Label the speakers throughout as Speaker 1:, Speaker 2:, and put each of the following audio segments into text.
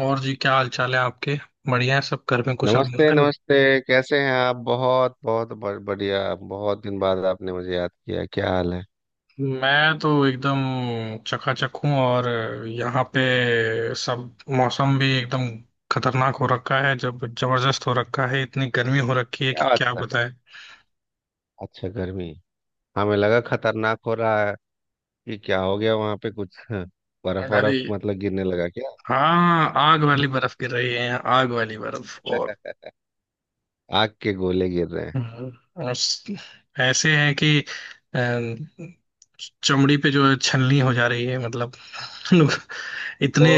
Speaker 1: और जी, क्या हाल चाल है आपके? बढ़िया है, सब घर में कुशल
Speaker 2: नमस्ते
Speaker 1: मंगल।
Speaker 2: नमस्ते। कैसे हैं आप? बहुत बहुत बढ़िया। बहुत दिन बाद आपने मुझे याद किया। क्या हाल है?
Speaker 1: मैं तो एकदम चकाचक हूँ। और यहाँ पे सब मौसम भी एकदम खतरनाक हो रखा है, जब जबरदस्त हो रखा है, इतनी गर्मी हो रखी है कि
Speaker 2: क्या बात
Speaker 1: क्या
Speaker 2: कर।
Speaker 1: बताएं।
Speaker 2: अच्छा, गर्मी? हमें लगा खतरनाक हो रहा है कि क्या हो गया वहां पे, कुछ बर्फ
Speaker 1: अरे
Speaker 2: बर्फ मतलब गिरने लगा क्या?
Speaker 1: हाँ, आग वाली बर्फ गिर रही है यहाँ, आग वाली बर्फ। और
Speaker 2: आग के गोले गिर रहे हैं।
Speaker 1: हम्म, उस- ऐसे है कि अ, चमड़ी पे जो है छलनी हो जा रही है मतलब।
Speaker 2: तो
Speaker 1: इतने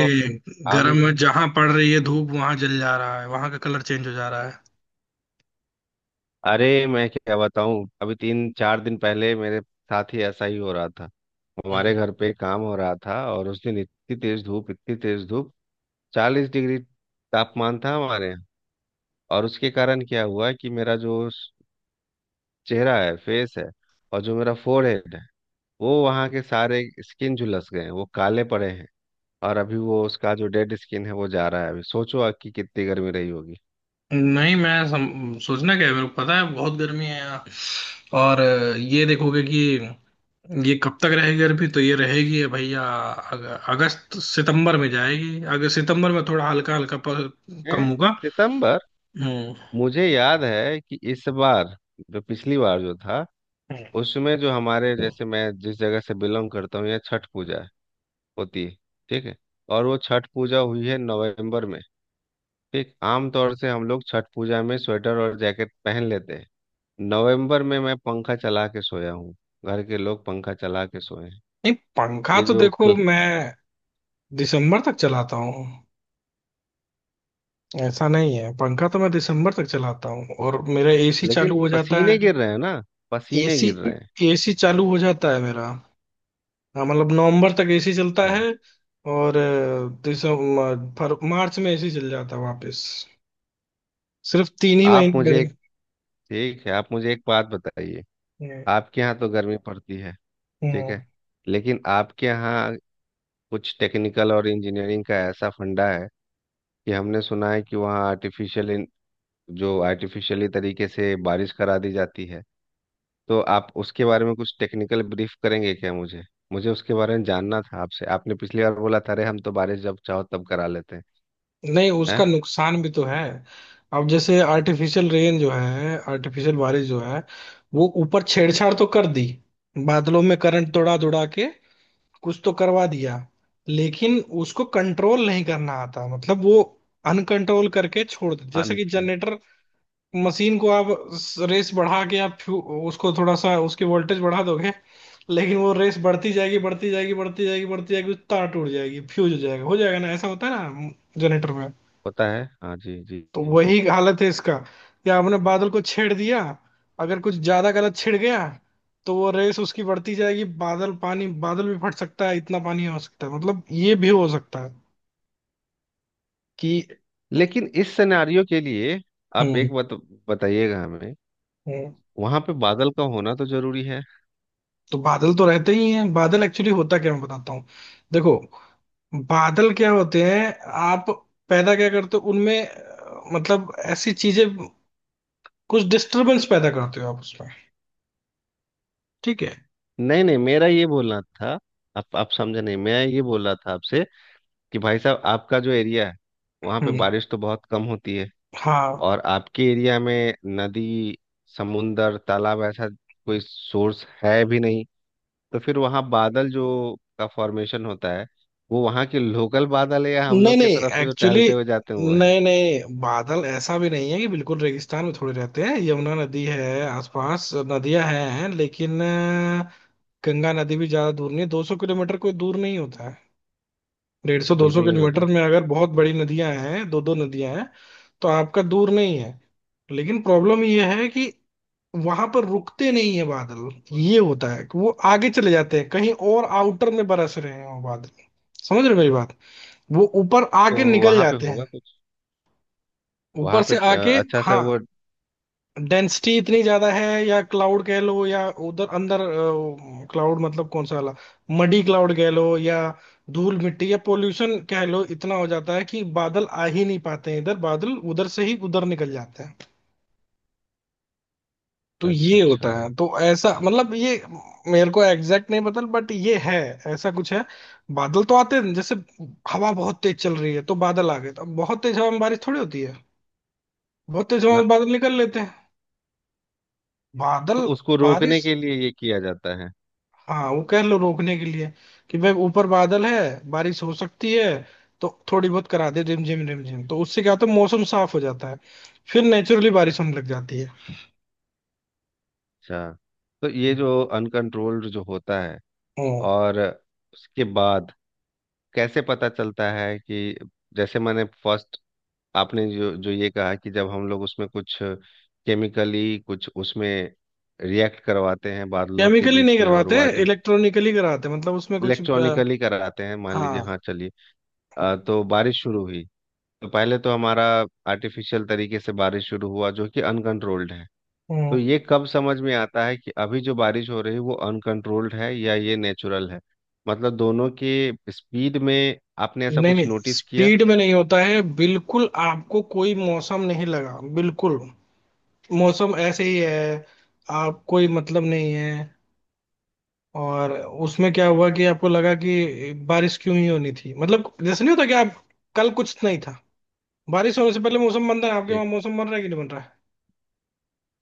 Speaker 2: हम,
Speaker 1: गर्म में जहां पड़ रही है धूप, वहां जल जा रहा है, वहां का कलर चेंज हो जा रहा है।
Speaker 2: अरे मैं क्या बताऊं, अभी 3 4 दिन पहले मेरे साथ ही ऐसा ही हो रहा था। हमारे
Speaker 1: हम्म।
Speaker 2: घर पे काम हो रहा था और उस दिन इतनी तेज धूप, इतनी तेज धूप, 40 डिग्री तापमान था हमारे। और उसके कारण क्या हुआ कि मेरा जो चेहरा है, फेस है, और जो मेरा फोरहेड है, वो वहाँ के सारे स्किन झुलस गए हैं, वो काले पड़े हैं। और अभी वो उसका जो डेड स्किन है वो जा रहा है। अभी सोचो आप कि कितनी गर्मी रही होगी।
Speaker 1: नहीं, मैं सोचना क्या है, मेरे को पता है बहुत गर्मी है यहाँ। और ये देखोगे कि ये कब तक रहेगी गर्मी, तो ये रहेगी भैया अगस्त सितंबर में जाएगी। अगस्त सितंबर में थोड़ा हल्का हल्का कम
Speaker 2: हैं?
Speaker 1: होगा।
Speaker 2: सितंबर?
Speaker 1: हम्म।
Speaker 2: मुझे याद है कि इस बार, जो पिछली बार जो था,
Speaker 1: हम्म।
Speaker 2: उसमें जो हमारे जैसे, मैं जिस जगह से बिलोंग करता हूँ, यहाँ छठ पूजा होती है। ठीक है। और वो छठ पूजा हुई है नवंबर में। ठीक, आमतौर से हम लोग छठ पूजा में स्वेटर और जैकेट पहन लेते हैं। नवंबर में मैं पंखा चला के सोया हूँ, घर के लोग पंखा चला के सोए हैं।
Speaker 1: नहीं पंखा
Speaker 2: ये
Speaker 1: तो
Speaker 2: जो
Speaker 1: देखो,
Speaker 2: क्ल...
Speaker 1: मैं दिसंबर तक चलाता हूँ। ऐसा नहीं है, पंखा तो मैं दिसंबर तक चलाता हूँ, और मेरा एसी
Speaker 2: लेकिन
Speaker 1: चालू हो जाता है।
Speaker 2: पसीने गिर रहे हैं ना, पसीने
Speaker 1: एसी
Speaker 2: गिर रहे हैं।
Speaker 1: एसी चालू हो जाता है मेरा। हाँ, मतलब नवंबर तक एसी चलता
Speaker 2: अच्छा,
Speaker 1: है। और दिसंबर मार्च में एसी चल जाता है वापस। सिर्फ तीन ही
Speaker 2: आप
Speaker 1: महीने
Speaker 2: मुझे
Speaker 1: मेरे।
Speaker 2: एक, ठीक है, आप मुझे एक बात बताइए,
Speaker 1: हम्म।
Speaker 2: आपके यहाँ तो गर्मी पड़ती है, ठीक
Speaker 1: हम्म।
Speaker 2: है, लेकिन आपके यहाँ कुछ टेक्निकल और इंजीनियरिंग का ऐसा फंडा है कि हमने सुना है कि वहाँ आर्टिफिशियल, जो आर्टिफिशियली तरीके से बारिश करा दी जाती है। तो आप उसके बारे में कुछ टेक्निकल ब्रीफ करेंगे क्या मुझे? मुझे उसके बारे में जानना था आपसे। आपने पिछली बार बोला था, अरे हम तो बारिश जब चाहो तब करा लेते हैं।
Speaker 1: नहीं,
Speaker 2: हैं?
Speaker 1: उसका नुकसान भी तो है। अब जैसे आर्टिफिशियल रेन जो है, आर्टिफिशियल बारिश जो है, वो ऊपर छेड़छाड़ तो कर दी, बादलों में करंट दौड़ा दौड़ा के कुछ तो करवा दिया। लेकिन उसको कंट्रोल नहीं करना आता, मतलब वो अनकंट्रोल करके छोड़ देते।
Speaker 2: हाँ,
Speaker 1: जैसे कि जनरेटर मशीन को आप रेस बढ़ा के आप उसको थोड़ा सा उसकी वोल्टेज बढ़ा दोगे, लेकिन वो रेस बढ़ती जाएगी, बढ़ती जाएगी, बढ़ती जाएगी, बढ़ती जाएगी, तार टूट जाएगी, फ्यूज हो जाएगा, हो जाएगा ना, ऐसा होता है ना जनरेटर में।
Speaker 2: होता है, हाँ जी जी
Speaker 1: तो
Speaker 2: जी।
Speaker 1: वही हालत है इसका, या हमने बादल को छेड़ दिया, अगर कुछ ज्यादा गलत छिड़ गया, तो वो रेस उसकी बढ़ती जाएगी, बादल पानी, बादल भी फट सकता है, इतना पानी हो सकता है, मतलब ये भी हो सकता है कि।
Speaker 2: लेकिन इस सिनेरियो के लिए आप
Speaker 1: हम्म।
Speaker 2: एक बात बताइएगा हमें,
Speaker 1: हम्म।
Speaker 2: वहां पे बादल का होना तो जरूरी है।
Speaker 1: तो बादल तो रहते ही हैं। बादल एक्चुअली होता क्या, मैं बताता हूँ। देखो, बादल क्या होते हैं? आप पैदा क्या करते हो उनमें मतलब ऐसी चीजें, कुछ डिस्टरबेंस पैदा करते हो आप उसमें, ठीक है?
Speaker 2: नहीं नहीं, मेरा ये बोलना था, आप समझे नहीं। मैं ये बोल रहा था आपसे कि भाई साहब, आपका जो एरिया है वहां पे
Speaker 1: हम्म।
Speaker 2: बारिश तो बहुत कम होती है।
Speaker 1: हाँ।
Speaker 2: और आपके एरिया में नदी, समुंदर, तालाब ऐसा कोई सोर्स है भी नहीं। तो फिर वहाँ बादल जो का फॉर्मेशन होता है, वो वहाँ के लोकल बादल है या हम
Speaker 1: नहीं
Speaker 2: लोग की
Speaker 1: नहीं,
Speaker 2: तरफ से जो
Speaker 1: एक्चुअली
Speaker 2: टहलते हुए जाते हैं वो है?
Speaker 1: नहीं नहीं, बादल ऐसा भी नहीं है कि बिल्कुल रेगिस्तान में थोड़े रहते हैं, यमुना नदी है, आसपास नदियां हैं, लेकिन गंगा नदी भी ज्यादा दूर नहीं है। 200 किलोमीटर कोई दूर नहीं होता है। डेढ़ सौ दो सौ
Speaker 2: बिल्कुल नहीं
Speaker 1: किलोमीटर
Speaker 2: होता।
Speaker 1: में अगर बहुत बड़ी नदियां हैं, दो दो नदियां हैं, तो आपका दूर नहीं है। लेकिन प्रॉब्लम ये है कि वहां पर रुकते नहीं है बादल। ये होता है कि वो आगे चले जाते हैं, कहीं और आउटर में बरस रहे हैं वो बादल। समझ रहे हो मेरी बात? वो ऊपर
Speaker 2: तो
Speaker 1: आके निकल
Speaker 2: वहाँ पे
Speaker 1: जाते हैं,
Speaker 2: होगा कुछ,
Speaker 1: ऊपर
Speaker 2: वहाँ पे
Speaker 1: से आके।
Speaker 2: अच्छा सा
Speaker 1: हाँ,
Speaker 2: वो।
Speaker 1: डेंसिटी इतनी ज्यादा है, या क्लाउड कह लो या उधर अंदर, क्लाउड मतलब कौन सा वाला, मडी क्लाउड कह लो, या धूल मिट्टी या पोल्यूशन कह लो, इतना हो जाता है कि बादल आ ही नहीं पाते हैं इधर। बादल उधर से ही उधर निकल जाते हैं। तो
Speaker 2: अच्छा
Speaker 1: ये
Speaker 2: अच्छा।
Speaker 1: होता है, तो ऐसा, मतलब ये मेरे को एग्जैक्ट नहीं पता, बट ये है, ऐसा कुछ है। बादल तो आते हैं, जैसे हवा बहुत तेज चल रही है तो बादल आ गए, तो अब बहुत तेज हवा में बारिश थोड़ी होती है, बहुत तेज हवा में
Speaker 2: ना,
Speaker 1: बादल निकल लेते हैं बादल।
Speaker 2: तो उसको रोकने
Speaker 1: बारिश,
Speaker 2: के लिए ये किया जाता है।
Speaker 1: हाँ वो कह लो रोकने के लिए, कि भाई ऊपर बादल है, बारिश हो सकती है, तो थोड़ी बहुत करा दे रिमझिम रिमझिम, तो उससे क्या होता है, मौसम साफ हो जाता है, फिर नेचुरली बारिश होने लग जाती है।
Speaker 2: अच्छा, तो ये जो अनकंट्रोल्ड जो होता है,
Speaker 1: ओ।
Speaker 2: और उसके बाद कैसे पता चलता है कि, जैसे मैंने फर्स्ट, आपने जो जो ये कहा कि जब हम लोग उसमें कुछ केमिकली कुछ उसमें रिएक्ट करवाते हैं बादलों के
Speaker 1: केमिकली
Speaker 2: बीच
Speaker 1: नहीं
Speaker 2: में, और
Speaker 1: करवाते,
Speaker 2: वो आर्टिफ,
Speaker 1: इलेक्ट्रॉनिकली कराते, मतलब उसमें कुछ
Speaker 2: इलेक्ट्रॉनिकली कराते हैं मान लीजिए,
Speaker 1: हाँ।
Speaker 2: हाँ चलिए। तो बारिश शुरू हुई। तो पहले तो हमारा आर्टिफिशियल तरीके से बारिश शुरू हुआ जो कि अनकंट्रोल्ड है। तो
Speaker 1: हम्म,
Speaker 2: ये कब समझ में आता है कि अभी जो बारिश हो रही है वो अनकंट्रोल्ड है या ये नेचुरल है? मतलब दोनों के स्पीड में आपने ऐसा
Speaker 1: नहीं
Speaker 2: कुछ
Speaker 1: नहीं,
Speaker 2: नोटिस किया?
Speaker 1: स्पीड में नहीं होता है, बिल्कुल आपको कोई मौसम नहीं लगा, बिल्कुल मौसम ऐसे ही है, आप कोई मतलब नहीं है, और उसमें क्या हुआ कि आपको लगा कि बारिश क्यों ही होनी थी, मतलब जैसे नहीं होता कि आप, कल कुछ नहीं था। बारिश होने से पहले मौसम बनता है, आपके
Speaker 2: एक,
Speaker 1: वहां मौसम बन रहा है कि नहीं बन रहा है?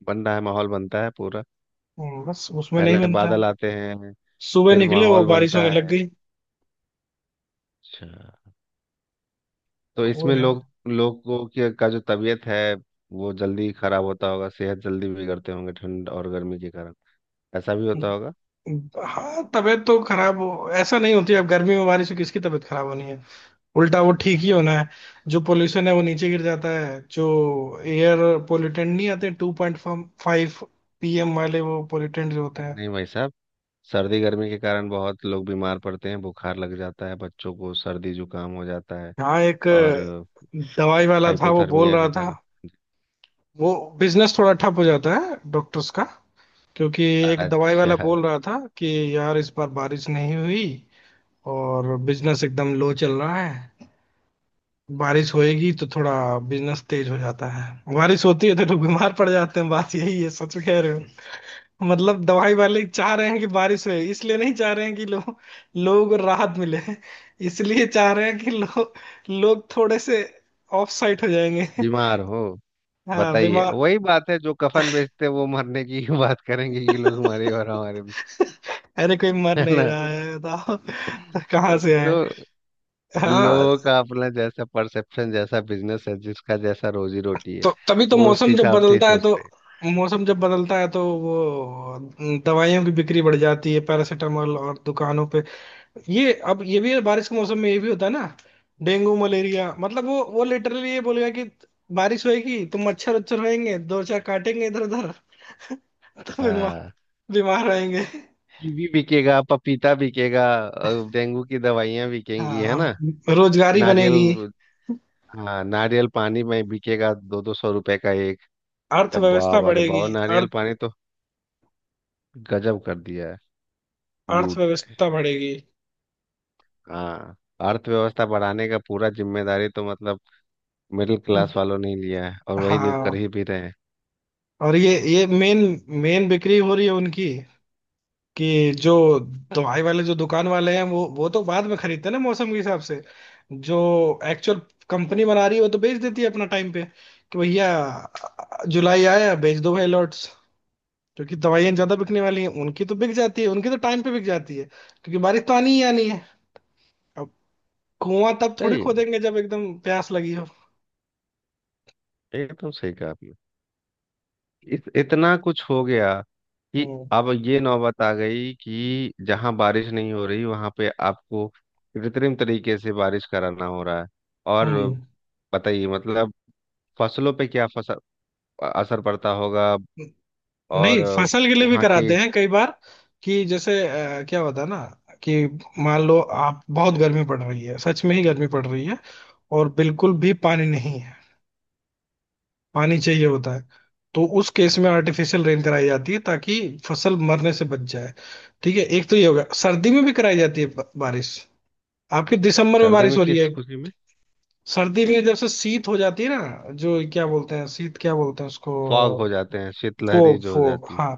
Speaker 2: बन रहा है, माहौल बनता है पूरा।
Speaker 1: बस, उसमें नहीं
Speaker 2: पहले
Speaker 1: बनता है।
Speaker 2: बादल आते हैं,
Speaker 1: सुबह
Speaker 2: फिर
Speaker 1: निकले, वो
Speaker 2: माहौल
Speaker 1: बारिश
Speaker 2: बनता
Speaker 1: होने लग
Speaker 2: है।
Speaker 1: गई,
Speaker 2: अच्छा, तो
Speaker 1: तो वो
Speaker 2: इसमें
Speaker 1: है।
Speaker 2: लोग लोगों की का जो तबीयत है वो जल्दी खराब होता होगा, सेहत जल्दी बिगड़ते होंगे ठंड और गर्मी के कारण। ऐसा भी होता होगा?
Speaker 1: हाँ, तबीयत तो खराब हो ऐसा नहीं होती, अब गर्मी में बारिश से किसकी तबीयत खराब होनी है, उल्टा वो ठीक ही होना है। जो पोल्यूशन है वो नीचे गिर जाता है, जो एयर पोल्यूटेंट नहीं आते, 2.5 PM वाले, वो पोल्यूटेंट जो होते
Speaker 2: अरे
Speaker 1: हैं।
Speaker 2: नहीं भाई साहब, सर्दी गर्मी के कारण बहुत लोग बीमार पड़ते हैं, बुखार लग जाता है, बच्चों को सर्दी जुकाम हो जाता है।
Speaker 1: हाँ, एक
Speaker 2: और
Speaker 1: दवाई वाला था, वो बोल
Speaker 2: हाइपोथर्मिया
Speaker 1: रहा
Speaker 2: के
Speaker 1: था।
Speaker 2: कारण।
Speaker 1: वो बिजनेस थोड़ा ठप हो जाता है डॉक्टर्स का, क्योंकि एक दवाई वाला
Speaker 2: अच्छा।
Speaker 1: बोल रहा था कि यार, इस बार बारिश नहीं हुई और बिजनेस एकदम लो चल रहा है। बारिश होएगी तो थोड़ा बिजनेस तेज हो जाता है, बारिश होती है तो लोग बीमार पड़ जाते हैं, बात यही है। सच कह रहे हो, मतलब दवाई वाले चाह रहे हैं कि बारिश होए, इसलिए नहीं चाह रहे हैं कि लोग लोगों को राहत मिले, इसलिए चाह रहे हैं कि लोग, लोग थोड़े से ऑफ साइट हो जाएंगे।
Speaker 2: बीमार हो,
Speaker 1: हाँ,
Speaker 2: बताइए,
Speaker 1: बीमार।
Speaker 2: वही बात है जो कफन बेचते हैं वो मरने की ही बात करेंगे। ये लोग हमारे, और हमारे भी,
Speaker 1: अरे कोई मर
Speaker 2: है
Speaker 1: नहीं
Speaker 2: ना?
Speaker 1: रहा है बताओ। कहाँ से है।
Speaker 2: तो
Speaker 1: हाँ।
Speaker 2: लोग का अपना जैसा परसेप्शन, जैसा बिजनेस है, जिसका जैसा रोजी रोटी है,
Speaker 1: तो तभी तो
Speaker 2: वो उस
Speaker 1: मौसम जब
Speaker 2: हिसाब से ही
Speaker 1: बदलता है तो,
Speaker 2: सोचते हैं।
Speaker 1: मौसम जब बदलता है तो वो दवाइयों की बिक्री बढ़ जाती है, पैरासीटामोल और दुकानों पे। ये, अब ये भी है, बारिश के मौसम में ये भी होता है ना, डेंगू, मलेरिया, मतलब वो लिटरली ये बोलेगा कि बारिश होएगी तो मच्छर उच्छर होएंगे, दो चार काटेंगे इधर उधर। तो बीमार,
Speaker 2: हाँ।
Speaker 1: बीमार रहेंगे।
Speaker 2: कीवी बिकेगा, पपीता बिकेगा, डेंगू की दवाइयाँ बिकेंगी, है
Speaker 1: हाँ।
Speaker 2: ना।
Speaker 1: रोजगारी
Speaker 2: नारियल।
Speaker 1: बनेगी,
Speaker 2: हाँ, नारियल पानी में बिकेगा, दो दो सौ रुपए का एक। तब
Speaker 1: अर्थव्यवस्था
Speaker 2: बाप, अरे
Speaker 1: बढ़ेगी।
Speaker 2: बाप, नारियल पानी तो गजब कर दिया है। लूट।
Speaker 1: अर्थव्यवस्था बढ़ेगी।
Speaker 2: हाँ। अर्थव्यवस्था बढ़ाने का पूरा जिम्मेदारी तो मतलब मिडिल क्लास वालों ने ही लिया है, और वही न्यू कर
Speaker 1: हाँ।
Speaker 2: ही भी रहे हैं।
Speaker 1: और ये मेन मेन बिक्री हो रही है उनकी। कि जो दवाई वाले, जो दुकान वाले हैं, वो तो बाद में खरीदते हैं ना मौसम के हिसाब से। जो एक्चुअल कंपनी बना रही है वो तो बेच देती है अपना टाइम पे, कि भैया जुलाई आया, बेच दो भाई लॉट्स, क्योंकि दवाइयाँ ज्यादा बिकने वाली हैं। उनकी तो बिक जाती है, उनकी तो टाइम पे बिक जाती है, क्योंकि बारिश तो आनी ही आनी है। अब कुआं तब थोड़ी
Speaker 2: सही है,
Speaker 1: खोदेंगे जब एकदम प्यास लगी हो।
Speaker 2: एकदम सही कहा आपने। इतना कुछ हो गया कि
Speaker 1: हम्म।
Speaker 2: अब ये नौबत आ गई कि जहां बारिश नहीं हो रही वहां पे आपको कृत्रिम तरीके से बारिश कराना हो रहा है। और बताइए मतलब फसलों पे क्या असर पड़ता होगा।
Speaker 1: हम्म।
Speaker 2: और
Speaker 1: नहीं, फसल के लिए भी
Speaker 2: वहां के।
Speaker 1: कराते हैं कई बार। कि जैसे क्या होता है ना कि मान लो आप, बहुत गर्मी पड़ रही है, सच में ही गर्मी पड़ रही है, और बिल्कुल भी पानी नहीं है, पानी चाहिए होता है, तो उस केस में आर्टिफिशियल रेन कराई जाती है ताकि फसल मरने से बच जाए, ठीक है। एक तो ये हो गया, सर्दी में भी कराई जाती है बारिश। आपके दिसंबर में
Speaker 2: सर्दी
Speaker 1: बारिश
Speaker 2: में
Speaker 1: हो रही
Speaker 2: किस
Speaker 1: है।
Speaker 2: खुशी में?
Speaker 1: सर्दी में जब से शीत हो जाती है ना, जो क्या बोलते हैं शीत, क्या बोलते हैं उसको,
Speaker 2: फॉग हो जाते हैं, शीतलहरी
Speaker 1: फोग,
Speaker 2: जो हो
Speaker 1: फोग,
Speaker 2: जाती है।
Speaker 1: हाँ।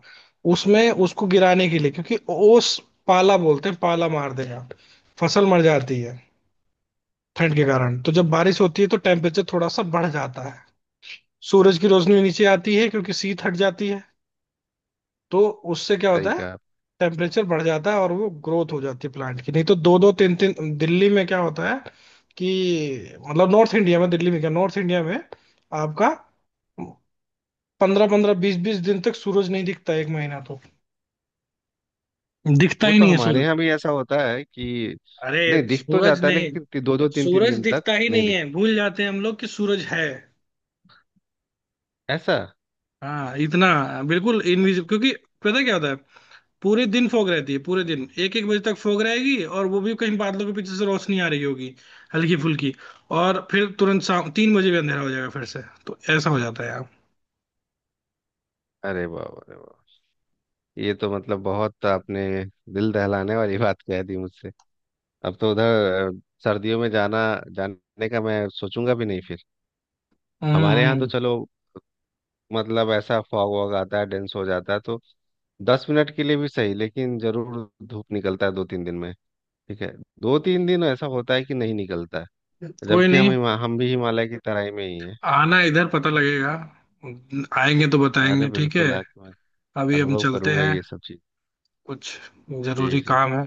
Speaker 1: उसमें, उसको गिराने के लिए, क्योंकि ओस, पाला बोलते हैं, पाला मार देगा, फसल मर जाती है ठंड के कारण। तो जब बारिश होती है तो टेम्परेचर थोड़ा सा बढ़ जाता है, सूरज की रोशनी नीचे आती है क्योंकि शीत हट जाती है, तो उससे क्या होता
Speaker 2: सही
Speaker 1: है,
Speaker 2: कहा आप।
Speaker 1: टेम्परेचर बढ़ जाता है और वो ग्रोथ हो जाती है प्लांट की। नहीं तो दो दो तीन तीन, दिल्ली में क्या होता है कि, मतलब नॉर्थ इंडिया में, दिल्ली में क्या, नॉर्थ इंडिया में आपका पंद्रह पंद्रह बीस बीस दिन तक सूरज नहीं दिखता, एक महीना तो दिखता
Speaker 2: वो
Speaker 1: ही
Speaker 2: तो
Speaker 1: नहीं है
Speaker 2: हमारे
Speaker 1: सूरज।
Speaker 2: यहाँ भी ऐसा होता है कि
Speaker 1: अरे
Speaker 2: नहीं, दिख तो
Speaker 1: सूरज
Speaker 2: जाता है
Speaker 1: नहीं,
Speaker 2: लेकिन दो दो तीन तीन
Speaker 1: सूरज
Speaker 2: दिन तक
Speaker 1: दिखता ही
Speaker 2: नहीं
Speaker 1: नहीं
Speaker 2: दिखता।
Speaker 1: है, भूल जाते हैं हम लोग कि सूरज है।
Speaker 2: ऐसा?
Speaker 1: हाँ इतना, बिल्कुल इनविजिबल, क्योंकि पता क्या होता है, पूरे दिन फॉग रहती है, पूरे दिन एक एक बजे तक फॉग रहेगी, और वो भी कहीं बादलों के पीछे से रोशनी आ रही होगी हल्की फुल्की, और फिर तुरंत शाम 3 बजे भी अंधेरा हो जाएगा फिर से, तो ऐसा हो जाता है यार।
Speaker 2: अरे वाह, अरे वाह। ये तो मतलब बहुत आपने दिल दहलाने वाली बात कह दी मुझसे। अब तो उधर सर्दियों में जाना, जाने का मैं सोचूंगा भी नहीं फिर।
Speaker 1: हम्म।
Speaker 2: हमारे यहाँ तो
Speaker 1: हम्म।
Speaker 2: चलो, मतलब ऐसा फॉग वॉग आता है, डेंस हो जाता है, तो 10 मिनट के लिए भी सही लेकिन जरूर धूप निकलता है 2 3 दिन में। ठीक है। 2 3 दिन ऐसा होता है कि नहीं निकलता है,
Speaker 1: कोई
Speaker 2: जबकि हम
Speaker 1: नहीं,
Speaker 2: हम भी हिमालय की तराई में ही हैं।
Speaker 1: आना इधर, पता लगेगा। आएंगे तो
Speaker 2: अरे
Speaker 1: बताएंगे, ठीक है।
Speaker 2: बिल्कुल, आके मैं
Speaker 1: अभी हम
Speaker 2: अनुभव
Speaker 1: चलते
Speaker 2: करूंगा
Speaker 1: हैं,
Speaker 2: ये सब चीज।
Speaker 1: कुछ
Speaker 2: जी
Speaker 1: जरूरी
Speaker 2: जी।
Speaker 1: काम है।